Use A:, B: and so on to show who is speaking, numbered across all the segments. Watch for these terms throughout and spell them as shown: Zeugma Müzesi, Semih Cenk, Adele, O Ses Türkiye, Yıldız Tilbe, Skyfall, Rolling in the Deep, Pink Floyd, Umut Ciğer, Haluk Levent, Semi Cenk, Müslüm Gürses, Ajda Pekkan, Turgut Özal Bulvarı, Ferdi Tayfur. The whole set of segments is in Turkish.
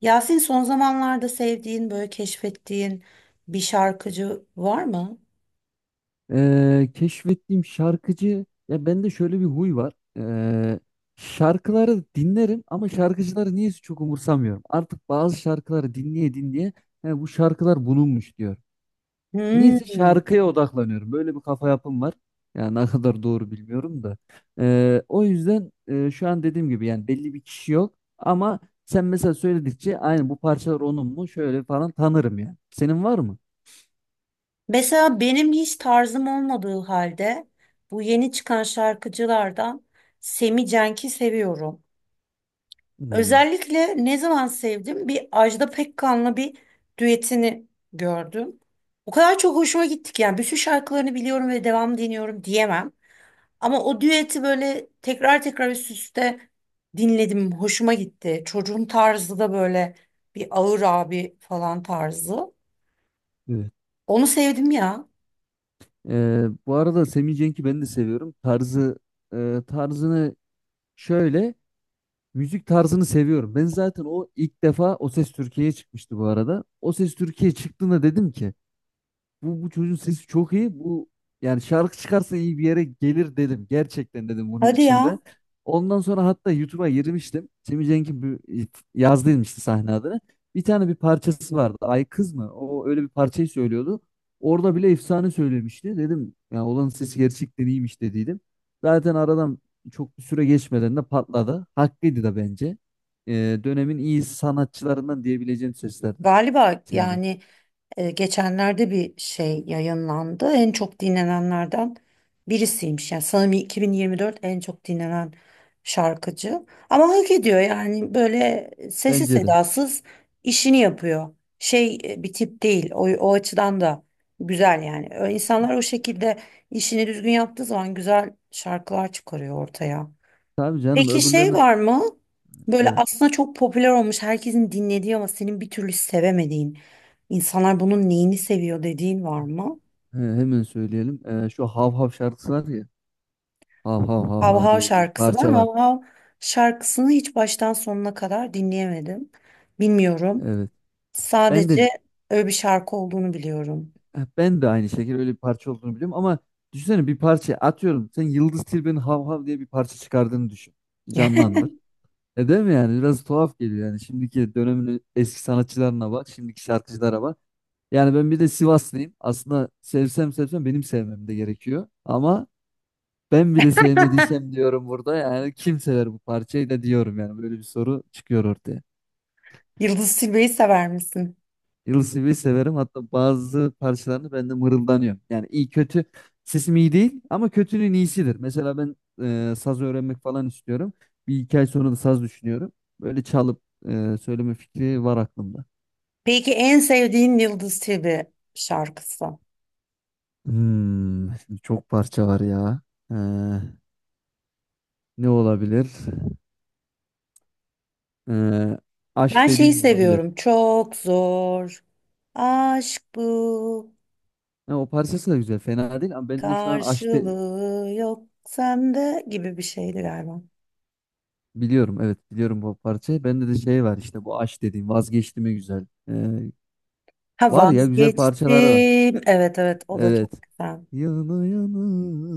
A: Yasin son zamanlarda sevdiğin, böyle keşfettiğin bir şarkıcı var mı?
B: Keşfettiğim şarkıcı ya, bende şöyle bir huy var. Şarkıları dinlerim ama şarkıcıları niyeyse çok umursamıyorum. Artık bazı şarkıları dinleye dinleye "He, bu şarkılar bulunmuş" diyor. Niyeyse
A: Hmm.
B: şarkıya odaklanıyorum. Böyle bir kafa yapım var. Yani ne kadar doğru bilmiyorum da. O yüzden şu an dediğim gibi yani belli bir kişi yok, ama sen mesela söyledikçe aynı bu parçalar onun mu şöyle falan tanırım yani. Senin var mı?
A: Mesela benim hiç tarzım olmadığı halde bu yeni çıkan şarkıcılardan Semi Cenk'i seviyorum.
B: Hmm,
A: Özellikle ne zaman sevdim? Bir Ajda Pekkan'la bir düetini gördüm. O kadar çok hoşuma gitti ki yani bütün şarkılarını biliyorum ve devam dinliyorum diyemem. Ama o düeti böyle tekrar tekrar üst üste dinledim. Hoşuma gitti. Çocuğun tarzı da böyle bir ağır abi falan tarzı.
B: evet.
A: Onu sevdim ya.
B: Bu arada Semih Cenk'i ben de seviyorum. Tarzı e, tarzını şöyle müzik tarzını seviyorum. Ben zaten o ilk defa O Ses Türkiye'ye çıkmıştı bu arada. O Ses Türkiye çıktığında dedim ki bu çocuğun sesi çok iyi. Bu, yani şarkı çıkarsa iyi bir yere gelir dedim. Gerçekten dedim bunu
A: Hadi ya.
B: içimde. Ondan sonra hatta YouTube'a girmiştim. Yazdıydım işte sahne adını. Bir tane bir parçası vardı. Ay kız mı? O öyle bir parçayı söylüyordu. Orada bile efsane söylemişti. Dedim ya, olan sesi gerçekten iyiymiş dediydim. Zaten aradan çok bir süre geçmeden de patladı. Haklıydı da bence. Dönemin iyi sanatçılarından diyebileceğim seslerden
A: Galiba
B: Cem Cenk.
A: yani geçenlerde bir şey yayınlandı. En çok dinlenenlerden birisiymiş. Yani sanırım 2024 en çok dinlenen şarkıcı. Ama hak ediyor yani böyle sessiz
B: Bence de.
A: sedasız işini yapıyor. Şey bir tip değil. O açıdan da güzel yani. İnsanlar o şekilde işini düzgün yaptığı zaman güzel şarkılar çıkarıyor ortaya.
B: Tabii canım,
A: Peki şey
B: öbürlerine
A: var mı? Böyle
B: evet.
A: aslında çok popüler olmuş, herkesin dinlediği ama senin bir türlü sevemediğin, insanlar bunun neyini seviyor dediğin var mı?
B: He, hemen söyleyelim. Şu Hav Hav şarkısı var ya. Hav Hav Hav
A: Hav
B: Hav
A: Hav
B: diye bir
A: şarkısı. Ben
B: parça var.
A: Hav Hav şarkısını hiç baştan sonuna kadar dinleyemedim. Bilmiyorum.
B: Evet. Ben de
A: Sadece öyle bir şarkı olduğunu biliyorum.
B: ben de aynı şekilde öyle bir parça olduğunu biliyorum, ama düşünsene bir parça atıyorum. Sen Yıldız Tilbe'nin Hav Hav diye bir parça çıkardığını düşün. Canlandır. E değil mi yani? Biraz tuhaf geliyor yani. Şimdiki dönemin eski sanatçılarına bak. Şimdiki şarkıcılara bak. Yani ben bir de Sivaslıyım. Aslında sevsem sevsem benim sevmem de gerekiyor. Ama ben bile sevmediysem diyorum burada, yani kim sever bu parçayı da diyorum, yani böyle bir soru çıkıyor ortaya.
A: Yıldız Tilbe'yi sever misin?
B: Yıldız severim, hatta bazı parçalarını ben de mırıldanıyorum. Yani iyi kötü sesim iyi değil ama kötünün iyisidir. Mesela ben saz öğrenmek falan istiyorum. Bir iki ay sonra da saz düşünüyorum. Böyle çalıp söyleme fikri var aklımda.
A: Peki en sevdiğin Yıldız Tilbe şarkısı?
B: Hmm, şimdi çok parça var ya. Ee, Ne olabilir? Ee,
A: Ben
B: Aşk
A: şeyi
B: dediğin olabilir.
A: seviyorum. Çok zor. Aşk bu.
B: Ha, o parçası da güzel, fena değil ama ben de şu an aşk de-
A: Karşılığı yok sende gibi bir şeydi galiba.
B: Biliyorum, evet biliyorum bu parçayı. Bende de şey var işte, bu aşk dediğim vazgeçti mi güzel.
A: Ha
B: Var ya güzel parçalar da,
A: vazgeçtim. Evet, evet, o da çok
B: evet.
A: güzel.
B: Yana yana.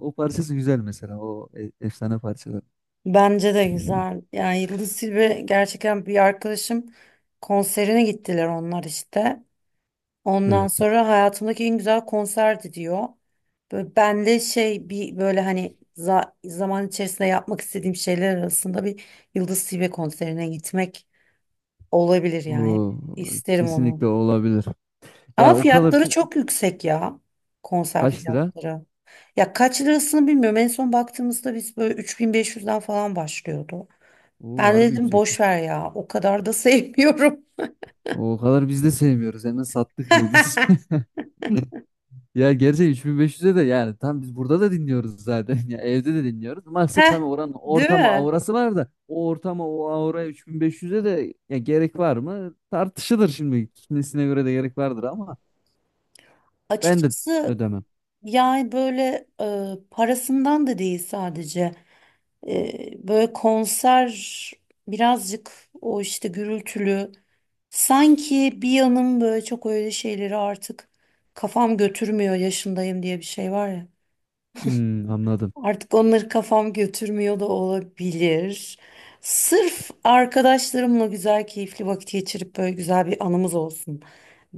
B: O parçası güzel mesela. Efsane parçalar.
A: Bence de güzel. Yani Yıldız Tilbe gerçekten bir arkadaşım konserine gittiler onlar işte. Ondan
B: Evet.
A: sonra hayatımdaki en güzel konserdi diyor. Böyle ben de şey bir böyle hani zaman içerisinde yapmak istediğim şeyler arasında bir Yıldız Tilbe konserine gitmek olabilir yani. Hep
B: O
A: isterim onu.
B: kesinlikle olabilir.
A: Ama
B: Ya o kadar
A: fiyatları
B: çü-
A: çok yüksek ya. Konser
B: Kaç lira?
A: fiyatları. Ya kaç lirasını bilmiyorum. En son baktığımızda biz böyle 3500'den falan başlıyordu.
B: O
A: Ben de
B: harbi
A: dedim boş
B: yüksekmiş.
A: ver ya. O kadar da sevmiyorum.
B: O kadar biz de sevmiyoruz. Hemen sattık yıldız. Ya gerçi 3500'e de yani, tam biz burada da dinliyoruz zaten. Ya evde de dinliyoruz. Maksat
A: Heh,
B: tabii oranın
A: değil
B: ortama
A: mi?
B: aurası var da, o ortama o auraya 3500'e de ya gerek var mı? Tartışılır şimdi. Kimisine göre de gerek vardır ama ben de
A: Açıkçası
B: ödemem.
A: yani böyle parasından da değil sadece. Böyle konser birazcık o işte gürültülü. Sanki bir yanım böyle çok öyle şeyleri artık kafam götürmüyor yaşındayım diye bir şey var ya.
B: Hmm, anladım.
A: Artık onları kafam götürmüyor da olabilir. Sırf arkadaşlarımla güzel, keyifli vakit geçirip böyle güzel bir anımız olsun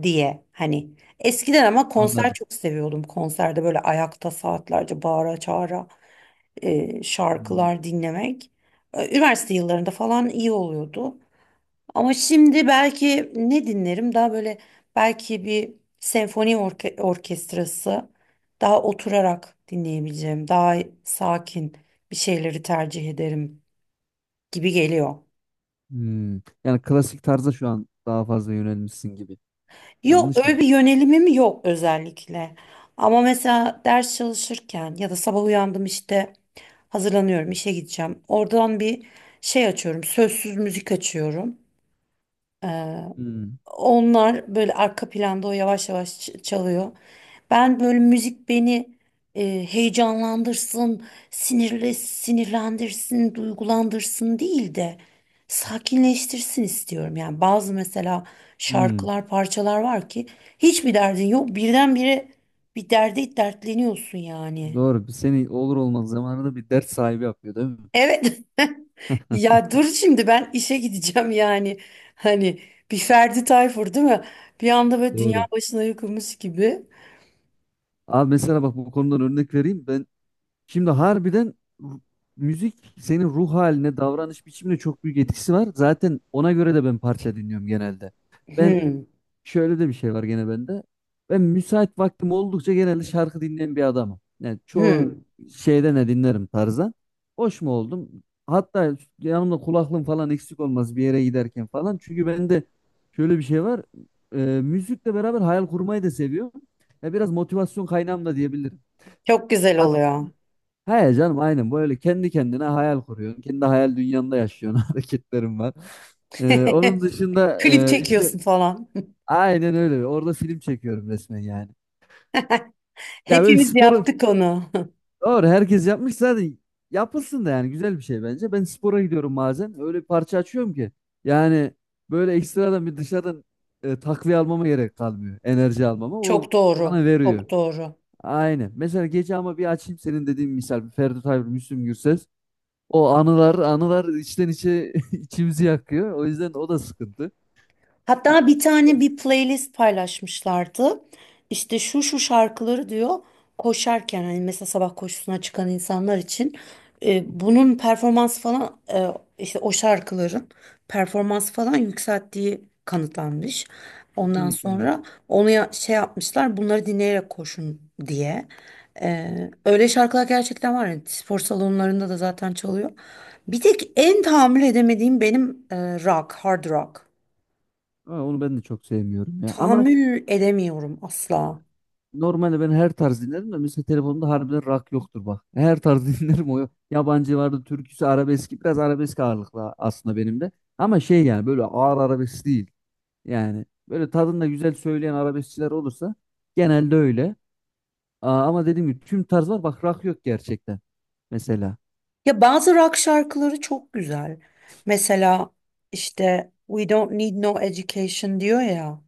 A: diye. Hani eskiden ama konser
B: Anladım.
A: çok seviyordum. Konserde böyle ayakta saatlerce bağıra çağıra
B: Hmm,
A: şarkılar dinlemek. Üniversite yıllarında falan iyi oluyordu. Ama şimdi belki ne dinlerim? Daha böyle belki bir senfoni orkestrası daha oturarak dinleyebileceğim, daha sakin bir şeyleri tercih ederim gibi geliyor.
B: hmm. Yani klasik tarza şu an daha fazla yönelmişsin gibi.
A: Yok
B: Yanlış
A: öyle
B: mı?
A: bir yönelimim yok özellikle. Ama mesela ders çalışırken ya da sabah uyandım işte hazırlanıyorum işe gideceğim. Oradan bir şey açıyorum, sözsüz müzik açıyorum.
B: Hmm,
A: Onlar böyle arka planda o yavaş yavaş çalıyor. Ben böyle müzik beni heyecanlandırsın, sinirle sinirlendirsin, duygulandırsın değil de sakinleştirsin istiyorum. Yani bazı mesela
B: hmm.
A: şarkılar, parçalar var ki hiçbir derdin yok. Birdenbire bir derde dertleniyorsun yani.
B: Doğru. Seni olur olmaz zamanında bir dert sahibi yapıyor değil mi?
A: Evet. Ya dur şimdi ben işe gideceğim yani. Hani bir Ferdi Tayfur değil mi? Bir anda böyle dünya
B: Doğru.
A: başına yıkılmış gibi.
B: Abi mesela bak, bu konudan örnek vereyim. Şimdi harbiden ru- müzik senin ruh haline, davranış biçimine çok büyük etkisi var. Zaten ona göre de ben parça dinliyorum genelde. Ben
A: Hmm,
B: şöyle de bir şey var gene bende. Ben müsait vaktim oldukça genelde şarkı dinleyen bir adamım. Yani çoğu
A: hmm.
B: şeyde ne dinlerim tarzdan. Hoş mu oldum? Hatta yanımda kulaklığım falan eksik olmaz bir yere giderken falan. Çünkü bende şöyle bir şey var. Müzikle beraber hayal kurmayı da seviyorum. Ya biraz motivasyon kaynağım da diyebilirim.
A: Çok güzel oluyor.
B: He canım, aynen böyle kendi kendine hayal kuruyorsun. Kendi hayal dünyanda yaşıyorsun, hareketlerim var. Onun dışında
A: Klip
B: işte
A: çekiyorsun falan.
B: aynen öyle. Orada film çekiyorum resmen yani. Ya böyle
A: Hepimiz
B: sporu
A: yaptık onu.
B: doğru herkes yapmış zaten, yapılsın da yani, güzel bir şey bence. Ben spora gidiyorum bazen. Öyle bir parça açıyorum ki yani, böyle ekstradan bir dışarıdan takviye almama gerek kalmıyor. Enerji almama o
A: Çok
B: bana
A: doğru.
B: veriyor.
A: Çok doğru.
B: Aynen. Mesela gece ama bir açayım, senin dediğin misal, Ferdi Tayfur, Müslüm Gürses. O anılar anılar içten içe içimizi yakıyor. O yüzden o da sıkıntı. Yani
A: Hatta bir tane
B: evet,
A: bir playlist paylaşmışlardı. İşte şu şu şarkıları diyor koşarken hani mesela sabah koşusuna çıkan insanlar için bunun performans falan işte o şarkıların performans falan yükselttiği kanıtlanmış. Ondan
B: kesinlikle öyle.
A: sonra onu şey yapmışlar bunları dinleyerek koşun diye. E, öyle şarkılar gerçekten var. Yani spor salonlarında da zaten çalıyor. Bir tek en tahammül edemediğim benim rock, hard rock.
B: Ama onu ben de çok sevmiyorum ya. Ama
A: Tahammül edemiyorum asla.
B: normalde ben her tarz dinlerim de, mesela telefonumda harbiden rock yoktur bak. Her tarz dinlerim o. Yabancı vardı, türküsü, arabeski. Biraz arabesk ağırlıklı aslında benim de. Ama şey, yani böyle ağır arabesk değil. Yani böyle tadında güzel söyleyen arabeskçiler olursa, genelde öyle. Aa, ama dediğim gibi tüm tarz var. Bak rock yok gerçekten mesela.
A: Ya bazı rock şarkıları çok güzel. Mesela işte We Don't Need No Education diyor ya.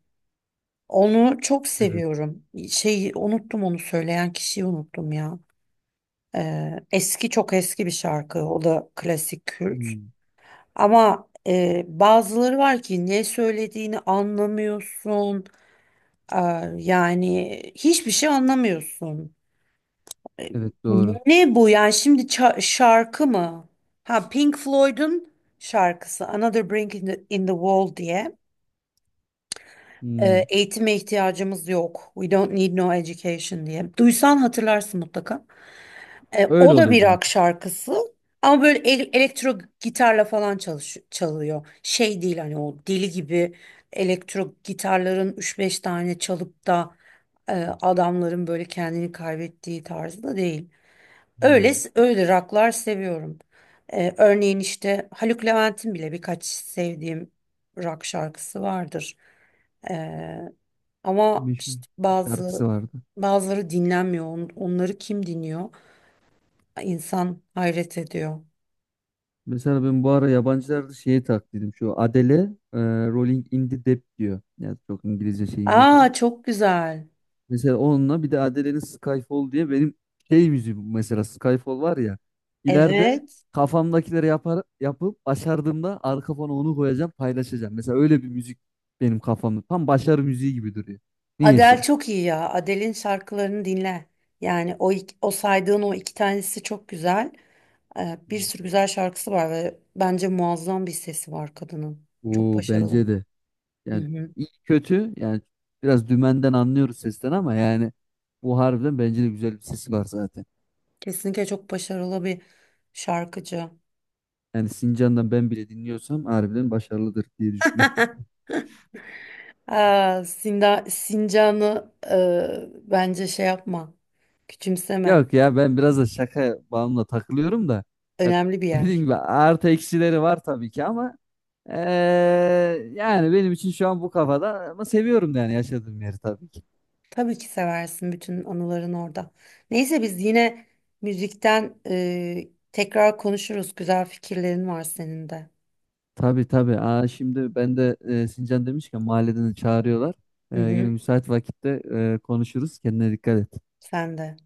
A: Onu çok
B: Evet.
A: seviyorum. Şeyi unuttum onu söyleyen kişiyi unuttum ya. Eski çok eski bir şarkı. O da klasik Kürt.
B: Hmm,
A: Ama bazıları var ki ne söylediğini anlamıyorsun. Aa, yani hiçbir şey anlamıyorsun. E,
B: evet doğru.
A: Ne bu yani şimdi şarkı mı? Ha Pink Floyd'un şarkısı Another Brick in the Wall diye.
B: Hmm.
A: Eğitime ihtiyacımız yok. We don't need no education diye. Duysan hatırlarsın mutlaka.
B: Öyle
A: O da
B: oluyor
A: bir
B: zaten.
A: rock şarkısı. Ama böyle elektro gitarla falan çalış çalıyor. Şey değil hani o deli gibi elektro gitarların üç beş tane çalıp da e, adamların böyle kendini kaybettiği tarzda değil. Öyle
B: Hmm.
A: öyle rocklar seviyorum. Örneğin işte Haluk Levent'in bile birkaç sevdiğim rock şarkısı vardır. Ee, ama
B: Meşhur
A: işte
B: bir şarkısı vardı.
A: bazıları dinlenmiyor. Onları kim dinliyor? İnsan hayret ediyor.
B: Mesela ben bu ara yabancılarda şeyi taklidim. Şu Adele e, Rolling in the Deep diyor. Yani çok İngilizce şeyim yok ama.
A: Aa çok güzel.
B: Mesela onunla bir de Adele'nin Skyfall diye, benim şey müziğim mesela Skyfall var ya. İleride
A: Evet.
B: kafamdakileri yapar, yapıp başardığımda arka fona onu koyacağım, paylaşacağım. Mesela öyle bir müzik benim kafamda. Tam başarı müziği gibi duruyor.
A: Adele
B: Niyeyse.
A: çok iyi ya. Adele'in şarkılarını dinle. Yani o o saydığın o iki tanesi çok güzel. Bir sürü güzel şarkısı var ve bence muazzam bir sesi var kadının. Çok
B: O
A: başarılı.
B: bence de.
A: Hı
B: Yani
A: hı.
B: iyi kötü yani, biraz dümenden anlıyoruz sesten ama yani, bu harbiden bence de güzel bir sesi var zaten.
A: Kesinlikle çok başarılı bir şarkıcı.
B: Yani Sincan'dan ben bile dinliyorsam harbiden başarılıdır diye düşünüyorum.
A: Aa, Sincan'ı bence şey yapma. Küçümseme.
B: Yok ya, ben biraz da şaka bağımla takılıyorum da. Ya
A: Önemli bir
B: dediğim
A: yer.
B: gibi artı eksileri var tabii ki ama eee, yani benim için şu an bu kafada, ama seviyorum da yani yaşadığım yeri tabii ki.
A: Tabii ki seversin bütün anıların orada. Neyse biz yine müzikten tekrar konuşuruz. Güzel fikirlerin var senin de.
B: Tabii tabii. Aa, şimdi ben de Sincan demişken mahalleden de çağırıyorlar.
A: Hı
B: Yine
A: hı,
B: müsait vakitte konuşuruz. Kendine dikkat et.
A: sen de.